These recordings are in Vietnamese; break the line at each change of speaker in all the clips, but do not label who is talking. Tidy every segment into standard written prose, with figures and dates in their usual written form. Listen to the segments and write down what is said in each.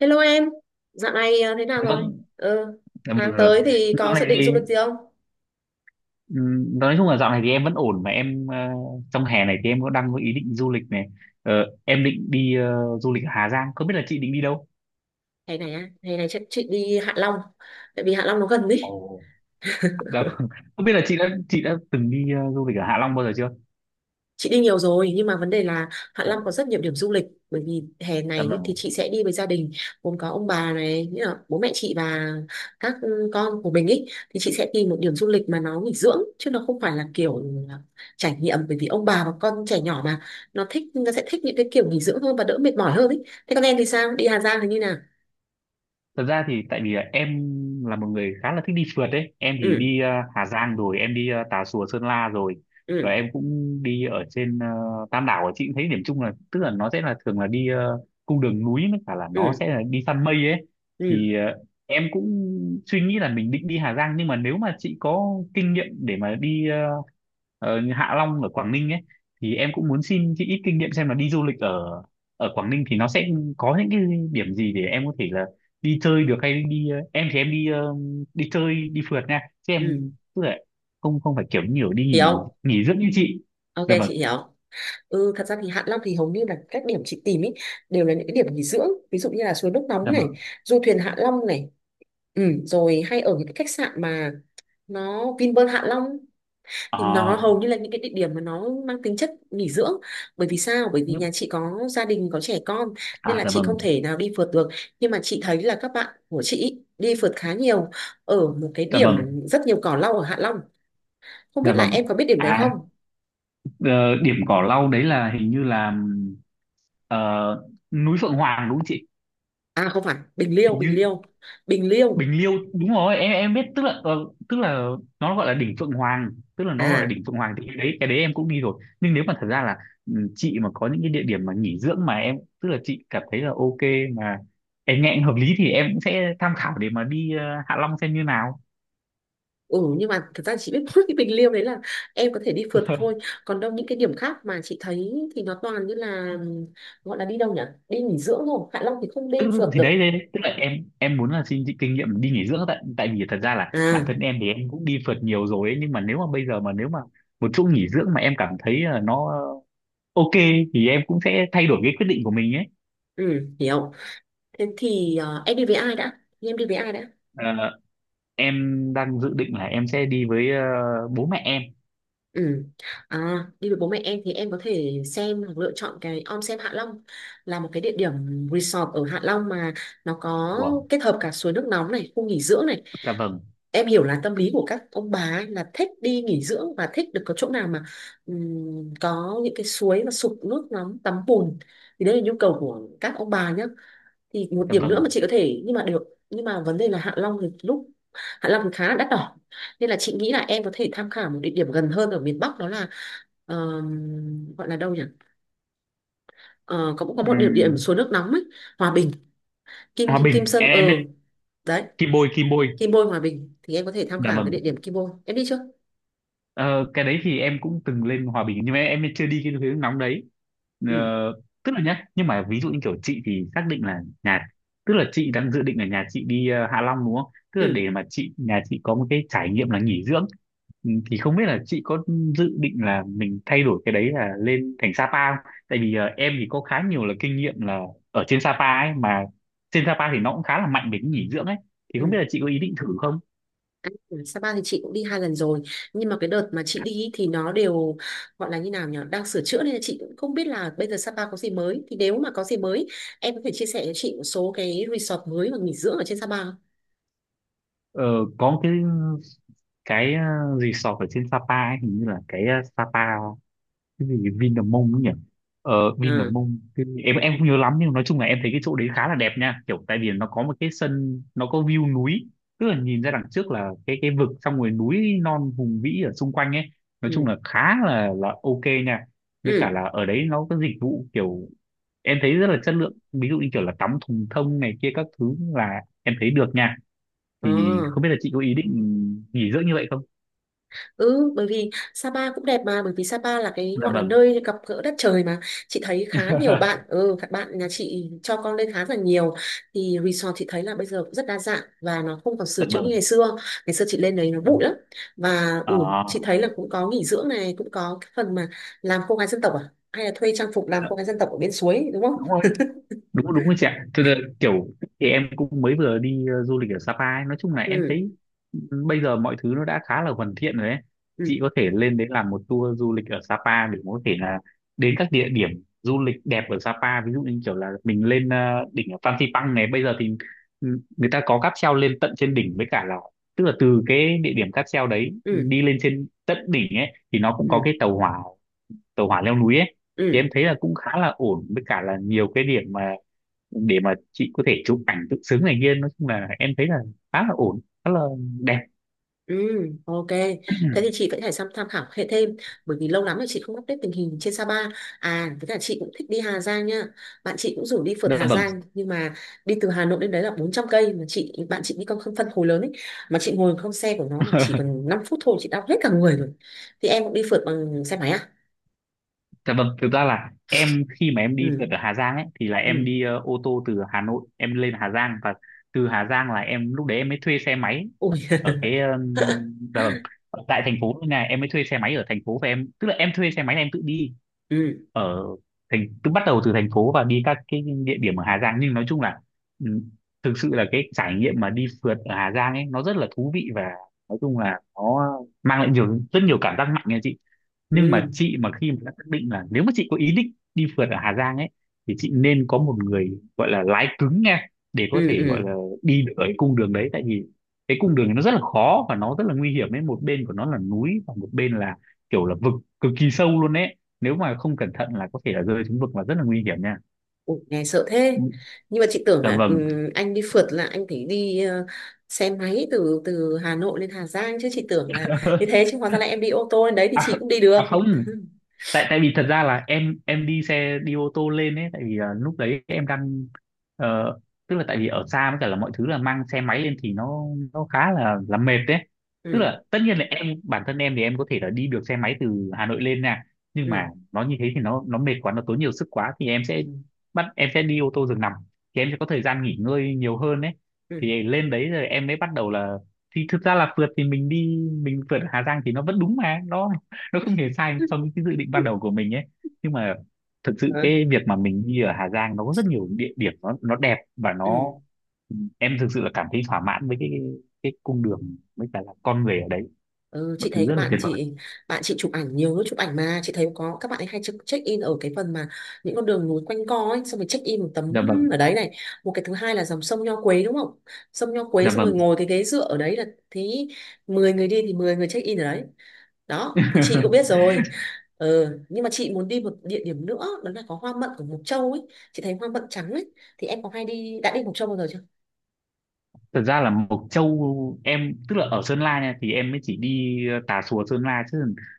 Hello em, dạo này thế nào rồi?
Vâng,
Ừ,
dạ vâng, dạ vâng
tháng
rồi.
tới thì
Dạo
có dự
này
định
thì
du lịch gì không?
nói chung là dạo này thì em vẫn ổn mà em trong hè này thì em có đang có ý định du lịch này. Ờ, em định đi du lịch ở Hà Giang, không biết là chị định đi đâu.
Hè này á, hè này chắc chị đi Hạ Long, tại vì Hạ Long nó gần ý.
Ồ. Dạ vâng. Không biết là chị đã từng đi du lịch ở Hạ Long bao giờ chưa?
Chị đi nhiều rồi nhưng mà vấn đề là Hạ
Ồ.
Long có rất nhiều điểm du lịch, bởi vì hè
Dạ
này ấy thì
vâng,
chị sẽ đi với gia đình gồm có ông bà, này nghĩa là bố mẹ chị và các con của mình ấy, thì chị sẽ tìm một điểm du lịch mà nó nghỉ dưỡng chứ nó không phải là kiểu là trải nghiệm, bởi vì ông bà và con trẻ nhỏ mà, nó thích, nó sẽ thích những cái kiểu nghỉ dưỡng hơn và đỡ mệt mỏi hơn ấy. Thế con em thì sao, đi Hà Giang thì như nào?
thật ra thì tại vì là em là một người khá là thích đi phượt đấy. Em thì
Ừ.
đi Hà Giang rồi, em đi Tà Xùa Sơn La rồi, và
Ừ.
em cũng đi ở trên Tam Đảo. Ở chị cũng thấy điểm chung là tức là nó sẽ là thường là đi cung đường núi, với cả là nó
Ừ.
sẽ là đi săn mây ấy.
Ừ.
Thì em cũng suy nghĩ là mình định đi Hà Giang, nhưng mà nếu mà chị có kinh nghiệm để mà đi Hạ Long ở Quảng Ninh ấy, thì em cũng muốn xin chị ít kinh nghiệm xem là đi du lịch ở ở Quảng Ninh thì nó sẽ có những cái điểm gì để em có thể là đi chơi được, hay đi em thì em đi chơi đi phượt nha, chứ em
Ừ.
tức là không không phải kiểu nhiều đi nghỉ
Hiểu.
nghỉ dưỡng như chị.
Ok,
Dạ vâng.
chị hiểu. Ừ, thật ra thì Hạ Long thì hầu như là các điểm chị tìm ý, đều là những cái điểm nghỉ dưỡng, ví dụ như là suối nước nóng
Dạ
này,
vâng.
du thuyền Hạ Long này, ừ, rồi hay ở những cái khách sạn mà nó Vinpearl Hạ Long, thì nó
À,
hầu như là những cái địa điểm mà nó mang tính chất nghỉ dưỡng. Bởi vì sao? Bởi vì
nhúc.
nhà chị có gia đình, có trẻ con, nên
À,
là
dạ
chị
vâng.
không thể nào đi phượt được. Nhưng mà chị thấy là các bạn của chị ý, đi phượt khá nhiều ở một cái
Dạ
điểm
vâng.
rất nhiều cỏ lau ở Hạ Long, không
Dạ
biết là
vâng.
em có biết điểm đấy
À.
không?
ờ, điểm cỏ lau đấy là hình như là ờ, núi Phượng Hoàng đúng không chị?
À không phải,
Hình
Bình
như
Liêu Bình Liêu.
Bình Liêu đúng rồi, em biết, tức là tức là nó gọi là đỉnh Phượng Hoàng. Tức là nó gọi là
À.
đỉnh Phượng Hoàng, thì cái đấy em cũng đi rồi, nhưng nếu mà thật ra là chị mà có những cái địa điểm mà nghỉ dưỡng mà em tức là chị cảm thấy là ok, mà em nghe hợp lý thì em cũng sẽ tham khảo để mà đi Hạ Long xem như nào.
Ừ, nhưng mà thật ra chị biết mỗi cái bình liêu đấy là em có thể đi phượt thôi, còn đâu những cái điểm khác mà chị thấy thì nó toàn như là gọi là đi đâu nhỉ, đi nghỉ dưỡng thôi. Hạ Long thì không đi
Tức
phượt
thì
được.
đấy, đấy đấy. Tức là em muốn là xin chị kinh nghiệm đi nghỉ dưỡng, tại tại vì thật ra là bản
À,
thân em thì em cũng đi phượt nhiều rồi ấy, nhưng mà nếu mà bây giờ mà nếu mà một chỗ nghỉ dưỡng mà em cảm thấy là nó ok thì em cũng sẽ thay đổi cái quyết định của mình ấy.
ừ, hiểu. Thế thì em đi với ai đã, em đi với ai đã?
Ờ, em đang dự định là em sẽ đi với bố mẹ em.
Ừ. À, đi với bố mẹ em thì em có thể xem hoặc lựa chọn cái Om Sen Hạ Long, là một cái địa điểm resort ở Hạ Long mà nó có
Wow,
kết hợp cả suối nước nóng này, khu nghỉ dưỡng này.
dạ vâng,
Em hiểu là tâm lý của các ông bà ấy là thích đi nghỉ dưỡng và thích được có chỗ nào mà có những cái suối mà sụp nước nóng, tắm bùn, thì đấy là nhu cầu của các ông bà nhá. Thì một
dạ
điểm nữa
vâng.
mà chị có thể nhưng mà được, nhưng mà vấn đề là Hạ Long thì lúc Hạ Long thì khá là đắt đỏ, nên là chị nghĩ là em có thể tham khảo một địa điểm gần hơn ở miền Bắc, đó là gọi là đâu nhỉ. Ờ, có, cũng có một địa điểm suối
Ừm,
nước nóng ấy, Hòa Bình. Kim
Hòa
Kim
Bình,
Sơn
em
ờ,
biết
đấy,
Kim Bôi, Kim Bôi,
Kim Bôi. Hòa Bình thì em có thể tham
dạ
khảo cái địa
vâng.
điểm Kim Bôi, em đi chưa?
Ờ, cái đấy thì em cũng từng lên Hòa Bình nhưng mà em chưa đi cái hướng nóng đấy. Ờ,
Ừ.
tức là nhá, nhưng mà ví dụ như kiểu chị thì xác định là nhà, tức là chị đang dự định là nhà chị đi Hạ Long đúng không, tức là
Ừ.
để mà chị nhà chị có một cái trải nghiệm là nghỉ dưỡng. Ừ, thì không biết là chị có dự định là mình thay đổi cái đấy, là lên thành Sapa không? Tại vì em thì có khá nhiều là kinh nghiệm là ở trên Sapa ấy mà, trên Sapa thì nó cũng khá là mạnh về cái nghỉ dưỡng ấy, thì
Ừ.
không biết là chị có ý định thử không?
À, Sapa thì chị cũng đi 2 lần rồi, nhưng mà cái đợt mà chị đi ý thì nó đều gọi là như nào nhỉ, đang sửa chữa, nên là chị cũng không biết là bây giờ Sapa có gì mới. Thì nếu mà có gì mới, em có thể chia sẻ cho chị một số cái resort mới và nghỉ dưỡng ở trên Sapa không?
Ờ, có một cái resort ở trên Sapa ấy, hình như là cái Sapa cái gì Vinamong ấy nhỉ.
À,
Vinamong em không nhớ lắm, nhưng nói chung là em thấy cái chỗ đấy khá là đẹp nha, kiểu tại vì nó có một cái sân, nó có view núi. Tức là nhìn ra đằng trước là cái vực, xong rồi núi non hùng vĩ ở xung quanh ấy. Nói chung
ừ,
là khá là ok nha. Với cả
ừ,
là ở đấy nó có dịch vụ kiểu em thấy rất là chất lượng, ví dụ như kiểu là tắm thùng thông này kia các thứ, là em thấy được nha.
ờ.
Thì không biết là chị có ý định nghỉ dưỡng như vậy không?
Ừ, bởi vì Sapa cũng đẹp mà, bởi vì Sapa là cái
Dạ
gọi là
vâng.
nơi gặp gỡ đất trời mà. Chị thấy khá nhiều bạn, ừ, các bạn nhà chị cho con lên khá là nhiều. Thì resort chị thấy là bây giờ cũng rất đa dạng và nó không còn sửa
Dạ
chữa như ngày
vâng.
xưa. Ngày xưa chị lên đấy nó bụi
Ừm.
lắm. Và ừ, chị
Ờ,
thấy là cũng có nghỉ dưỡng này, cũng có cái phần mà làm cô gái dân tộc à? Hay là thuê trang phục làm
dạ,
cô gái dân tộc ở bên suối, đúng không?
đúng rồi. Đúng đúng rồi chị ạ. Thế là kiểu, thì em cũng mới vừa đi du lịch ở Sapa ấy. Nói chung là em
Ừ,
thấy ừ, bây giờ mọi thứ nó đã khá là hoàn thiện rồi ấy.
ừ,
Chị có thể lên đấy làm một tour du lịch ở Sapa để có thể là đến các địa điểm du lịch đẹp ở Sapa, ví dụ như kiểu là mình lên đỉnh ở Phan Xipang này. Bây giờ thì người ta có cáp treo lên tận trên đỉnh, với cả là tức là từ cái địa điểm cáp treo đấy
ừ,
đi lên trên tận đỉnh ấy thì nó cũng có
ừ,
cái tàu hỏa leo núi ấy. Thì
ừ.
em thấy là cũng khá là ổn, với cả là nhiều cái điểm mà để mà chị có thể chụp ảnh tự xứng này kia. Nói chung là em thấy là khá là ổn, khá là đẹp.
Ừ, ok. Thế thì chị vẫn phải tham tham khảo hệ thêm, bởi vì lâu lắm rồi chị không update tình hình trên Sapa. À, với cả chị cũng thích đi Hà Giang nha. Bạn chị cũng rủ đi phượt
Dạ
Hà
vâng.
Giang, nhưng mà đi từ Hà Nội đến đấy là 400 cây, mà chị bạn chị đi con không phân khối lớn ấy, mà chị ngồi không xe của nó mà chỉ cần 5 phút thôi chị đau hết cả người rồi. Thì em cũng đi phượt bằng xe máy à?
Dạ vâng, thực ra là em khi mà em đi
Ừ.
phượt ở Hà Giang ấy, thì là
Ừ.
em đi ô tô từ Hà Nội em lên Hà Giang, và từ Hà Giang là em lúc đấy em mới thuê xe máy
Ui.
ở cái dạ vâng, ở tại thành phố này em mới thuê xe máy ở thành phố, và em tức là em thuê xe máy là em tự đi
ừ.
ở thành, cứ bắt đầu từ thành phố và đi các cái địa điểm ở Hà Giang. Nhưng nói chung là ừ, thực sự là cái trải nghiệm mà đi phượt ở Hà Giang ấy nó rất là thú vị, và nói chung là nó mang lại nhiều, rất nhiều cảm giác mạnh nha chị. Nhưng
Ừ.
mà chị mà khi mà đã xác định là nếu mà chị có ý định đi phượt ở Hà Giang ấy, thì chị nên có một người gọi là lái cứng nha, để có
Ừ.
thể gọi
Ừ.
là đi được ở cái cung đường đấy. Tại vì cái cung đường này nó rất là khó và nó rất là nguy hiểm ấy, một bên của nó là núi và một bên là kiểu là vực cực kỳ sâu luôn ấy. Nếu mà không cẩn thận là có thể là rơi xuống vực và rất là nguy hiểm nha.
Ủa, nghe sợ thế, nhưng mà chị tưởng
Dạ
là
vâng.
anh đi phượt là anh phải đi xe máy từ từ Hà Nội lên Hà Giang chứ, chị tưởng là như thế chứ hóa ra là em đi ô tô lên đấy thì
À,
chị cũng đi được.
à không, tại tại vì thật ra là em đi ô tô lên ấy, tại vì lúc đấy em đang ờ, tức là tại vì ở xa, với cả là mọi thứ là mang xe máy lên thì nó khá là mệt đấy. Tức
Ừ.
là tất nhiên là em bản thân em thì em có thể là đi được xe máy từ Hà Nội lên nha, nhưng
Ừ.
mà nó như thế thì nó mệt quá, nó tốn nhiều sức quá, thì em sẽ
Ừ.
em sẽ đi ô tô giường nằm. Thì em sẽ có thời gian nghỉ ngơi nhiều hơn đấy.
Ừ.
Thì lên đấy rồi em mới bắt đầu là thì thực ra là phượt thì mình phượt ở Hà Giang thì nó vẫn đúng, mà nó không hề sai
Ừ.
so với cái dự định ban đầu của mình ấy. Nhưng mà thực sự
Ừ,
cái việc mà mình đi ở Hà Giang nó có rất nhiều địa điểm, nó đẹp, và
ừ.
em thực sự là cảm thấy thỏa mãn với cái cung đường, với cả là con người ở đấy,
Ừ,
mọi
chị thấy
thứ rất
các
là
bạn
tuyệt vời.
chị, chụp ảnh nhiều lúc chụp ảnh mà chị thấy có các bạn ấy hay check in ở cái phần mà những con đường núi quanh co ấy, xong rồi check in một tấm
Dạ vâng.
ở đấy này. Một cái thứ hai là dòng sông Nho Quế, đúng không, sông Nho Quế,
Dạ
xong rồi
vâng.
ngồi cái ghế dựa ở đấy là thì 10 người đi thì 10 người check in ở đấy đó, thì chị cũng biết rồi. Ừ, nhưng mà chị muốn đi một địa điểm nữa, đó là có hoa mận của Mộc Châu ấy, chị thấy hoa mận trắng ấy, thì em có hay đi đã đi Mộc Châu bao giờ chưa?
Thật ra là Mộc Châu em tức là ở Sơn La nha, thì em mới chỉ đi Tà Xùa Sơn La chứ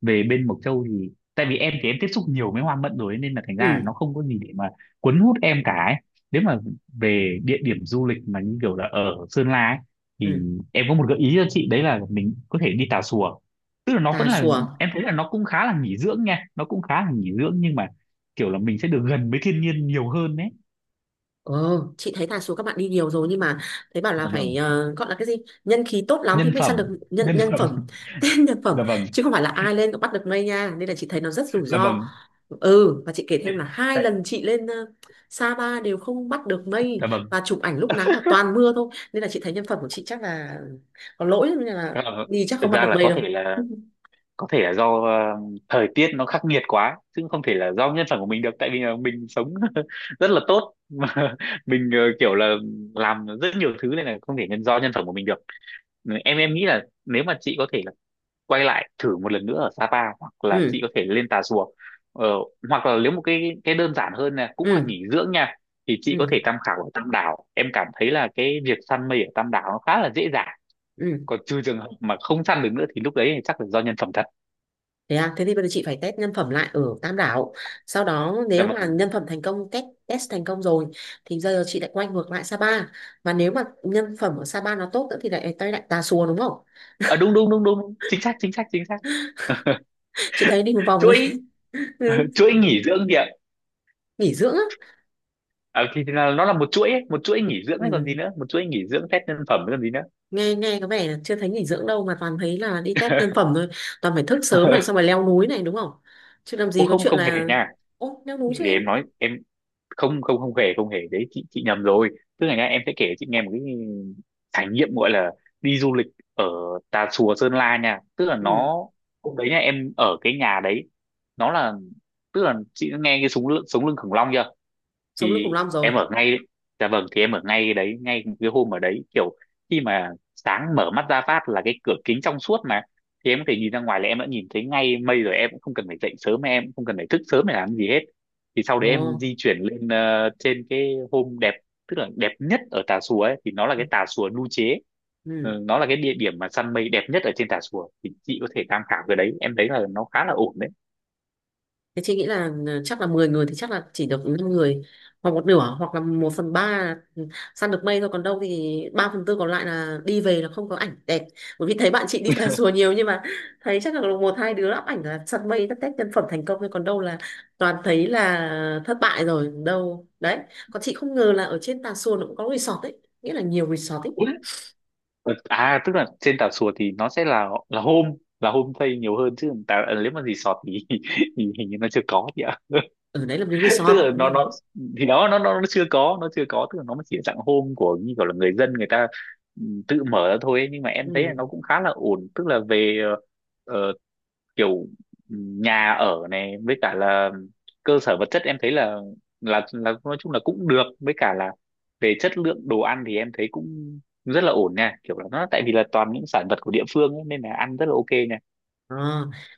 về bên Mộc Châu, thì tại vì em thì em tiếp xúc nhiều với hoa mận rồi ấy, nên là thành ra là
Ừ.
nó không có gì để mà cuốn hút em cả ấy. Nếu mà về địa điểm du lịch mà như kiểu là ở Sơn La ấy,
Ừ.
thì em có một gợi ý cho chị, đấy là mình có thể đi Tà Xùa. Tức là nó
Tà
vẫn là
Xùa.
em thấy là nó cũng khá là nghỉ dưỡng nha, nó cũng khá là nghỉ dưỡng, nhưng mà kiểu là mình sẽ được gần với thiên nhiên nhiều hơn đấy.
Ờ, chị thấy là số các bạn đi nhiều rồi, nhưng mà thấy bảo là
Dạ
phải
vâng.
gọi là cái gì, nhân khí tốt lắm thì
Nhân
mới săn
phẩm.
được nhân
Nhân
nhân
phẩm.
phẩm tên nhân phẩm,
Dạ vâng.
chứ không phải là ai lên cũng bắt được mây nha, nên là chị thấy nó rất rủi
Dạ
ro.
vâng.
Ừ, và chị kể
Đấy,
thêm là hai
đấy,
lần chị lên Sapa đều không bắt được mây
dạ vâng.
và chụp ảnh lúc nắng mà toàn mưa thôi, nên là chị thấy nhân phẩm của chị chắc là có lỗi nên là
Dạ vâng.
đi chắc không
Thực
bắt
ra
được
là
mây
có
đâu.
thể là có thể là do thời tiết nó khắc nghiệt quá chứ không thể là do nhân phẩm của mình được, tại vì là mình sống rất là tốt mà, mình kiểu là làm rất nhiều thứ nên là không thể nhân do nhân phẩm của mình được. Em nghĩ là nếu mà chị có thể là quay lại thử một lần nữa ở Sapa, hoặc là chị
Ừ.
có thể lên Tà Xùa, ờ, hoặc là nếu một cái đơn giản hơn là cũng là
Ừ.
nghỉ dưỡng nha, thì chị có
Ừ.
thể tham khảo ở Tam Đảo. Em cảm thấy là cái việc săn mây ở Tam Đảo nó khá là dễ dàng,
Ừ.
còn trừ trường hợp mà không săn được nữa thì lúc đấy thì chắc là do nhân phẩm thật.
Thế à, thế thì bây giờ chị phải test nhân phẩm lại ở Tam Đảo. Sau đó
Dạ
nếu mà
vâng.
nhân phẩm thành công, test test thành công rồi thì giờ chị lại quay ngược lại Sapa. Và nếu mà nhân phẩm ở Sapa nó tốt nữa thì lại tay lại Tà Xùa đúng không?
À, đúng đúng đúng đúng, chính xác chính xác chính xác.
Chị thấy đi một vòng ấy,
Chuỗi.
Ừ,
Chuỗi nghỉ dưỡng kìa.
nghỉ dưỡng á.
À, thì là nó là một chuỗi ấy, một chuỗi nghỉ dưỡng ấy còn gì
Ừ.
nữa, một chuỗi nghỉ dưỡng test nhân phẩm ấy còn gì nữa.
Nghe, có vẻ là chưa thấy nghỉ dưỡng đâu mà toàn thấy là đi test nhân phẩm thôi. Toàn phải thức sớm này xong rồi leo núi này đúng không? Chứ làm
Ô
gì có
không
chuyện
không hề
là
nha.
ô leo núi
để,
cho
để
em.
em nói, em không không không hề, không hề đấy, chị nhầm rồi. Tức là nhá, em sẽ kể cho chị nghe một cái trải nghiệm gọi là đi du lịch ở Tà Xùa Sơn La nha. Tức là
Ừ,
nó hôm đấy nha, em ở cái nhà đấy, nó là, tức là chị đã nghe cái súng lưng sống lưng khủng long chưa?
sống lưng khủng
Thì
long rồi.
em ở ngay, dạ vâng, thì em ở ngay cái đấy, ngay cái hôm ở đấy kiểu khi mà sáng mở mắt ra phát là cái cửa kính trong suốt mà, thì em có thể nhìn ra ngoài là em đã nhìn thấy ngay mây rồi, em cũng không cần phải dậy sớm, em cũng không cần phải thức sớm để làm gì hết. Thì sau
Ồ.
đấy em di chuyển lên trên cái hôm đẹp, tức là đẹp nhất ở Tà Xùa ấy, thì nó là
Ừ.
cái Tà Xùa Nu Chế.
Ừ.
Ừ, nó là cái địa điểm mà săn mây đẹp nhất ở trên Tà Xùa, thì chị có thể tham khảo cái đấy, em thấy là nó khá là ổn đấy.
Thế chị nghĩ là ừ, chắc là 10 người thì chắc là chỉ được 5 người, hoặc một nửa hoặc là 1/3 săn được mây thôi, còn đâu thì 3/4 còn lại là đi về là không có ảnh đẹp, bởi vì thấy bạn chị đi Tà Rùa nhiều nhưng mà thấy chắc là một hai đứa up ảnh là săn mây tất tét nhân phẩm thành công thôi, còn đâu là toàn thấy là thất bại rồi đâu đấy. Còn chị không ngờ là ở trên Tà Xùa nó cũng có resort ấy, nghĩa là nhiều resort ấy,
Ủa? Ừ, à tức là trên Tà Xùa thì nó sẽ là home, là homestay nhiều hơn, chứ tà, nếu mà resort thì, thì hình như nó chưa có chị ạ.
ở đấy là một cái resort.
Tức là nó Thì đó nó chưa có, nó chưa có, tức là nó mới chỉ là dạng hôm của như kiểu là người ta, ừ, tự mở ra thôi ấy. Nhưng mà em thấy là
Ừ.
nó cũng khá là ổn, tức là về ờ, kiểu ừ, nhà ở này với cả là cơ sở vật chất em thấy là là nói chung là cũng được, với cả là về chất lượng đồ ăn thì em thấy cũng rất là ổn nha, kiểu là nó tại vì là toàn những sản vật của địa phương ấy, nên là ăn rất là ok nha.
À,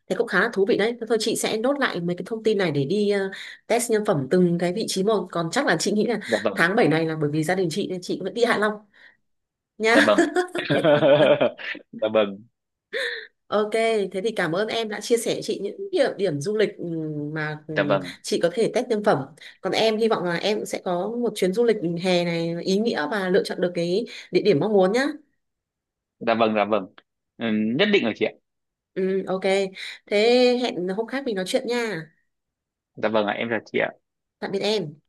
thế cũng khá là thú vị đấy. Thế thôi chị sẽ nốt lại mấy cái thông tin này để đi test nhân phẩm từng cái vị trí một. Còn chắc là chị nghĩ là
Dạ vâng,
tháng 7 này là bởi vì gia đình chị nên chị vẫn đi Hạ Long nha.
dạ vâng. Dạ vâng,
Ok, thế thì cảm ơn em đã chia sẻ chị những địa điểm du lịch mà
dạ vâng,
chị có thể test nhân phẩm. Còn em hy vọng là em cũng sẽ có một chuyến du lịch hè này ý nghĩa và lựa chọn được cái địa điểm mong muốn nhá.
dạ vâng, dạ vâng. Ừ, nhất định rồi chị ạ.
Ừ, ok. Thế hẹn hôm khác mình nói chuyện nha.
Dạ vâng ạ, em chào chị ạ.
Tạm biệt em.